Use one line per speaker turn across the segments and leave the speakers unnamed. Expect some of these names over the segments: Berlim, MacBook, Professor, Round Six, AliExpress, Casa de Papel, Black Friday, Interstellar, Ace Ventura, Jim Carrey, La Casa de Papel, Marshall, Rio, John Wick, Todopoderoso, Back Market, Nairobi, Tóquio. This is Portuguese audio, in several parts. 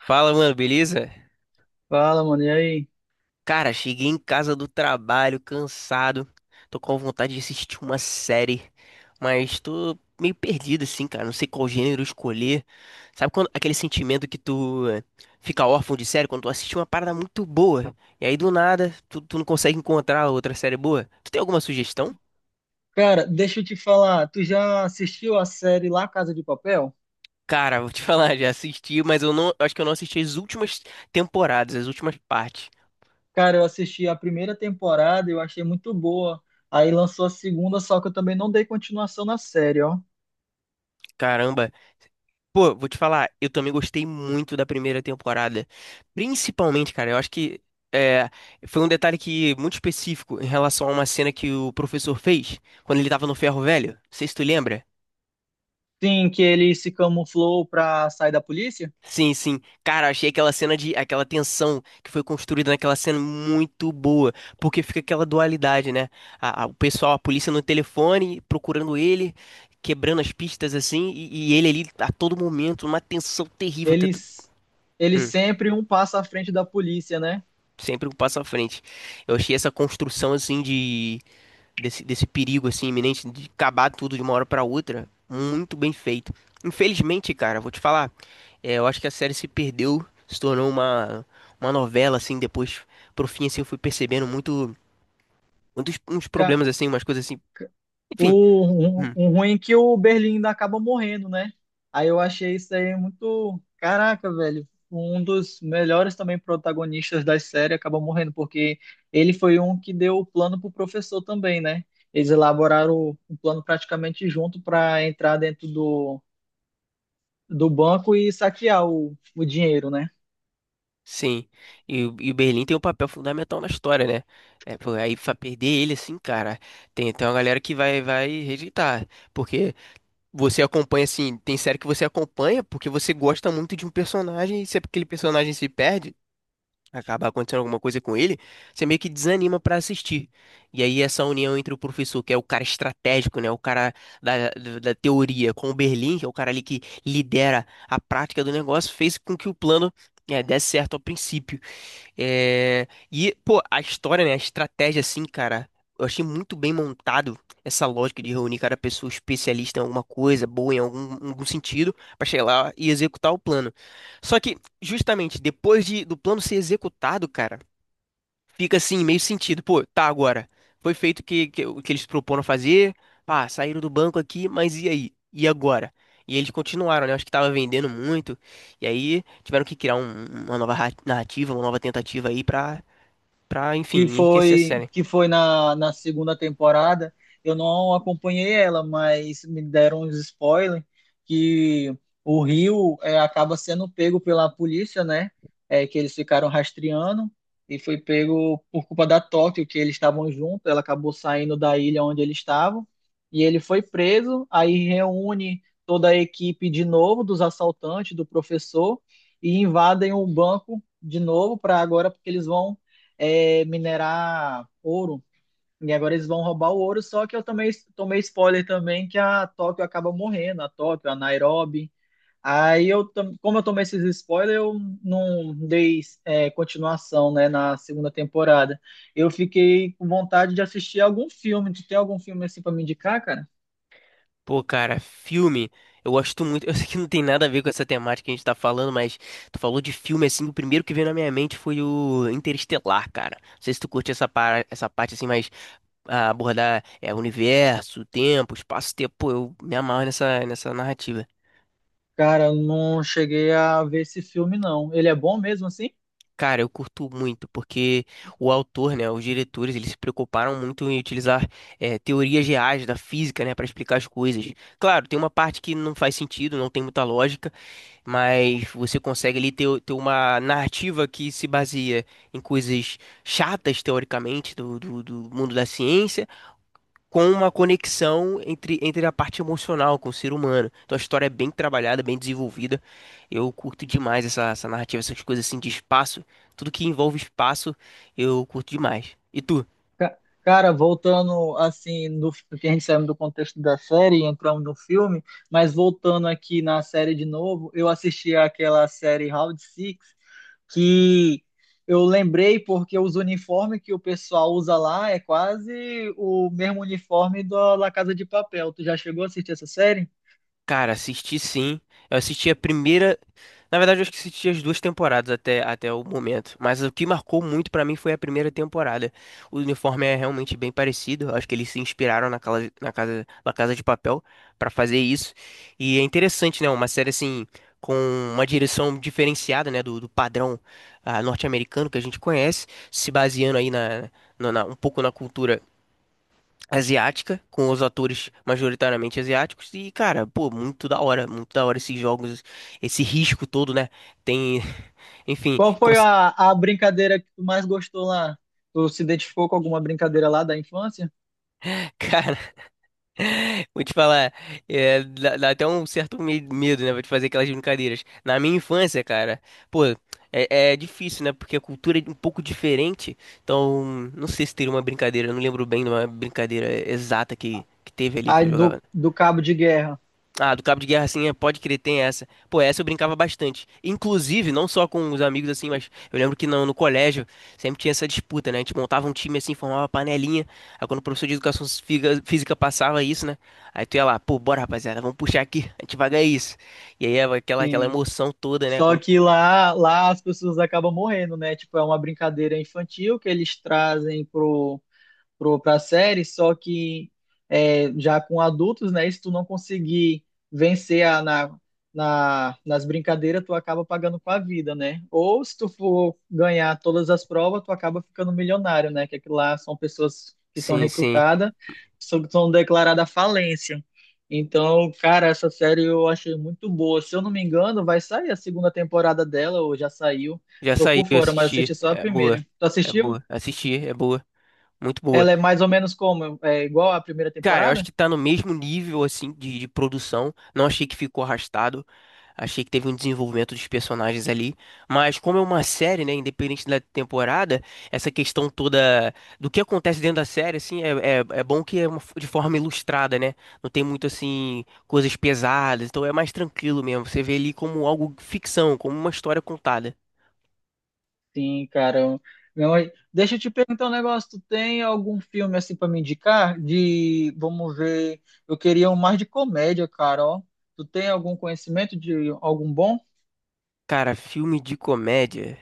Fala, mano, beleza?
Fala, mano, e aí?
Cara, cheguei em casa do trabalho, cansado. Tô com vontade de assistir uma série, mas tô meio perdido assim, cara. Não sei qual gênero escolher. Sabe quando aquele sentimento que tu fica órfão de série quando tu assiste uma parada muito boa e aí do nada tu não consegue encontrar outra série boa? Tu tem alguma sugestão?
Cara, deixa eu te falar, tu já assistiu a série La Casa de Papel?
Cara, vou te falar, já assisti, mas eu acho que eu não assisti as últimas temporadas, as últimas partes.
Cara, eu assisti a primeira temporada, eu achei muito boa. Aí lançou a segunda, só que eu também não dei continuação na série, ó.
Caramba. Pô, vou te falar, eu também gostei muito da primeira temporada. Principalmente, cara, eu acho que é, foi um detalhe que muito específico em relação a uma cena que o professor fez quando ele tava no ferro velho. Não sei se tu lembra.
Sim, que ele se camuflou pra sair da polícia?
Sim, sim. Cara, achei aquela tensão que foi construída naquela cena muito boa, porque fica aquela dualidade, né? O pessoal, a polícia no telefone procurando ele, quebrando as pistas assim, e ele ali a todo momento, uma tensão terrível.
Eles, eles
Hum.
sempre um passo à frente da polícia, né?
Sempre um passo à frente. Eu achei essa construção assim de desse perigo assim iminente de acabar tudo de uma hora pra outra muito bem feito. Infelizmente, cara, vou te falar, eu acho que a série se perdeu, se tornou uma novela assim depois pro fim assim eu fui percebendo muitos uns problemas assim, umas coisas assim. Enfim,
O, um,
hum.
um ruim é que o Berlim ainda acaba morrendo, né? Aí eu achei isso aí muito. Caraca, velho. Um dos melhores também protagonistas da série acaba morrendo, porque ele foi um que deu o plano pro professor também, né? Eles elaboraram um plano praticamente junto para entrar dentro do banco e saquear o dinheiro, né?
Sim. E, e o Berlim tem um papel fundamental na história, né? É, pô, aí pra perder ele assim, cara, tem, tem uma galera que vai rejeitar. Porque você acompanha, assim, tem série que você acompanha porque você gosta muito de um personagem e se aquele personagem se perde, acaba acontecendo alguma coisa com ele, você meio que desanima pra assistir. E aí essa união entre o professor, que é o cara estratégico, né, o cara da teoria, com o Berlim, que é o cara ali que lidera a prática do negócio, fez com que o plano, desse certo ao princípio. É, e, pô, a história, né? A estratégia, assim, cara, eu achei muito bem montado essa lógica de reunir cada pessoa especialista em alguma coisa, boa em algum sentido, pra chegar lá e executar o plano. Só que, justamente, do plano ser executado, cara, fica assim, meio sentido. Pô, tá agora. Foi feito o que eles proporam fazer. Pá, saíram do banco aqui, mas e aí? E agora? E eles continuaram, né? Acho que tava vendendo muito. E aí tiveram que criar uma nova narrativa, uma nova tentativa aí pra, pra,
que
enfim, enriquecer a
foi
série.
que foi na, na segunda temporada. Eu não acompanhei ela, mas me deram uns spoilers que o Rio acaba sendo pego pela polícia, né? É, que eles ficaram rastreando e foi pego por culpa da Tóquio, que eles estavam juntos. Ela acabou saindo da ilha onde eles estavam e ele foi preso. Aí reúne toda a equipe de novo dos assaltantes, do professor e invadem o banco de novo para agora porque eles vão minerar ouro. E agora eles vão roubar o ouro, só que eu também tomei spoiler também que a Tóquio acaba morrendo, a Tóquio, a Nairobi. Aí como eu tomei esses spoilers, eu não dei continuação, né, na segunda temporada. Eu fiquei com vontade de assistir algum filme. Tu tem algum filme assim para me indicar, cara?
Pô, cara, filme. Eu gosto muito. Eu sei que não tem nada a ver com essa temática que a gente tá falando, mas tu falou de filme assim. O primeiro que veio na minha mente foi o Interestelar, cara. Não sei se tu curte essa parte assim, mas. A abordar universo, tempo, espaço-tempo. Pô, eu me amarro nessa narrativa.
Cara, eu não cheguei a ver esse filme, não. Ele é bom mesmo assim?
Cara, eu curto muito, porque o autor, né, os diretores, eles se preocuparam muito em utilizar teorias reais da física, né, para explicar as coisas. Claro, tem uma parte que não faz sentido, não tem muita lógica, mas você consegue ali ter uma narrativa que se baseia em coisas chatas, teoricamente, do mundo da ciência com uma conexão entre a parte emocional com o ser humano. Então a história é bem trabalhada, bem desenvolvida. Eu curto demais essa narrativa, essas coisas assim de espaço. Tudo que envolve espaço, eu curto demais. E tu?
Ca- Cara, voltando assim, no, que a gente saiu do contexto da série e entramos no filme, mas voltando aqui na série de novo, eu assisti aquela série Round Six que eu lembrei porque os uniformes que o pessoal usa lá é quase o mesmo uniforme da La Casa de Papel. Tu já chegou a assistir essa série?
Cara, assisti sim. Eu assisti a primeira. Na verdade, eu acho que assisti as duas temporadas até, até o momento. Mas o que marcou muito pra mim foi a primeira temporada. O uniforme é realmente bem parecido. Eu acho que eles se inspiraram na Casa de Papel pra fazer isso. E é interessante, né? Uma série assim, com uma direção diferenciada, né? Do padrão norte-americano que a gente conhece, se baseando aí na, um pouco na cultura asiática, com os atores majoritariamente asiáticos, e, cara, pô, muito da hora esses jogos, esse risco todo, né? Tem, enfim,
Qual foi
cons-
a brincadeira que tu mais gostou lá? Tu se identificou com alguma brincadeira lá da infância?
cara, vou te falar, é, dá até um certo medo, né? Vou te fazer aquelas brincadeiras. Na minha infância, cara, pô. É, é difícil, né? Porque a cultura é um pouco diferente. Então, não sei se teria uma brincadeira. Eu não lembro bem de uma brincadeira exata que teve ali que
A
eu jogava.
do cabo de guerra.
Ah, do Cabo de Guerra, assim, é, pode crer, tem essa. Pô, essa eu brincava bastante. Inclusive, não só com os amigos, assim, mas eu lembro que no colégio sempre tinha essa disputa, né? A gente montava um time, assim, formava uma panelinha. Aí quando o professor de educação física passava isso, né? Aí tu ia lá, pô, bora, rapaziada, vamos puxar aqui, a gente vai ganhar isso. E aí é aquela
Sim.
emoção toda, né?
Só
Quando...
que lá as pessoas acabam morrendo, né? Tipo, é uma brincadeira infantil que eles trazem para a série, só que já com adultos, né? Se tu não conseguir vencer nas brincadeiras, tu acaba pagando com a vida, né? Ou se tu for ganhar todas as provas, tu acaba ficando milionário, né? Que aquilo lá são pessoas que são
Sim, sim.
recrutadas, são declaradas falência. Então, cara, essa série eu achei muito boa. Se eu não me engano, vai sair a segunda temporada dela, ou já saiu.
Já
Tô
saiu,
por
eu
fora, mas assisti
assisti.
só a
É boa,
primeira. Tu
é
assistiu?
boa. Assisti, é boa. Muito boa.
Ela é mais ou menos como? É igual à primeira
Cara, eu acho
temporada?
que tá no mesmo nível, assim, de produção. Não achei que ficou arrastado. Achei que teve um desenvolvimento dos personagens ali. Mas como é uma série, né, independente da temporada, essa questão toda do que acontece dentro da série, assim, é bom que é uma de forma ilustrada, né? Não tem muito, assim, coisas pesadas. Então é mais tranquilo mesmo. Você vê ali como algo ficção, como uma história contada.
Sim, cara. Meu, deixa eu te perguntar um negócio. Tu tem algum filme assim pra me indicar? De, vamos ver. Eu queria um mais de comédia, cara, ó. Tu tem algum conhecimento de algum bom?
Cara, filme de comédia.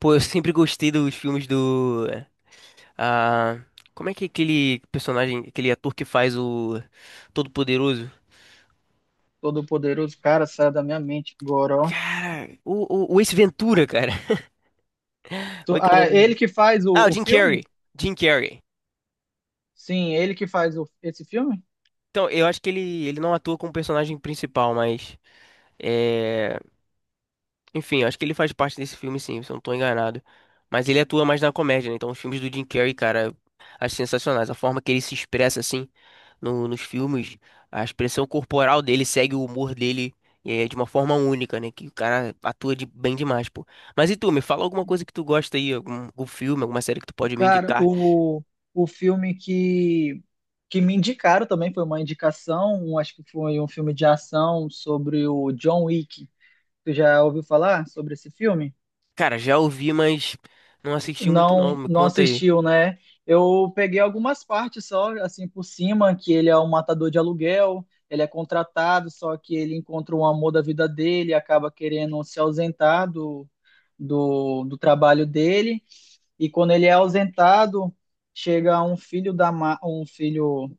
Pô, eu sempre gostei dos filmes do ah, como é que é aquele personagem, aquele ator que faz o Todo-Poderoso?
Todo-Poderoso, cara, sai da minha mente agora, ó.
Cara, o Ace Ventura, cara. Como é que é o nome
É ele
dele?
que faz o,
Ah, o
o
Jim Carrey.
filme?
Jim Carrey.
Sim, ele que faz esse filme?
Então, eu acho que ele não atua como personagem principal, mas. é, Enfim, acho que ele faz parte desse filme, sim, se eu não tô enganado. Mas ele atua mais na comédia, né? Então, os filmes do Jim Carrey, cara, acho sensacionais. A forma que ele se expressa, assim, nos filmes, a expressão corporal dele segue o humor dele de uma forma única, né? Que o cara atua de, bem demais, pô. Mas e tu, me fala alguma coisa que tu gosta aí, algum, algum filme, alguma série que tu pode me
Cara,
indicar.
o filme que me indicaram também foi uma indicação, acho que foi um filme de ação sobre o John Wick. Tu já ouviu falar sobre esse filme?
Cara, já ouvi, mas não assisti muito, não.
Não,
Me
não
conta aí.
assistiu, né? Eu peguei algumas partes só, assim, por cima, que ele é um matador de aluguel, ele é contratado, só que ele encontra o amor da vida dele, acaba querendo se ausentar do trabalho dele e quando ele é ausentado, chega um filho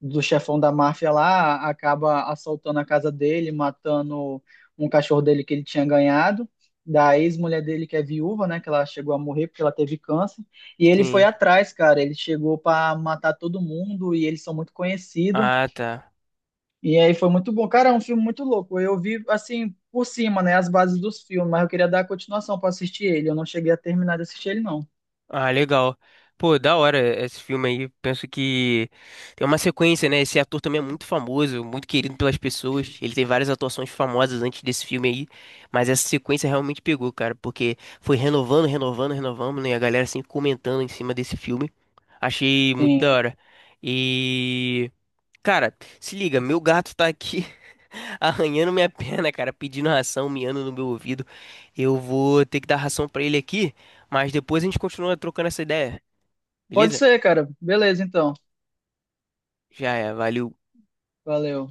do chefão da máfia lá, acaba assaltando a casa dele, matando um cachorro dele que ele tinha ganhado, da ex-mulher dele que é viúva, né, que ela chegou a morrer porque ela teve câncer, e ele foi
Sim.
atrás, cara, ele chegou para matar todo mundo e eles são muito conhecidos.
Ah, tá.
E aí foi muito bom. Cara, é um filme muito louco. Eu vi assim por cima, né, as bases dos filmes, mas eu queria dar a continuação para assistir ele. Eu não cheguei a terminar de assistir ele não.
Ah, legal. Pô, da hora esse filme aí. Penso que tem uma sequência, né? Esse ator também é muito famoso, muito querido pelas pessoas. Ele tem várias atuações famosas antes desse filme aí. Mas essa sequência realmente pegou, cara, porque foi renovando, renovando, renovando, né? E a galera assim comentando em cima desse filme. Achei muito da
Tem
hora. E. Cara, se liga, meu gato tá aqui arranhando minha perna, cara, pedindo ração, miando no meu ouvido. Eu vou ter que dar ração pra ele aqui, mas depois a gente continua trocando essa ideia,
Pode
beleza?
ser, cara. Beleza, então.
Já é, valeu.
Valeu.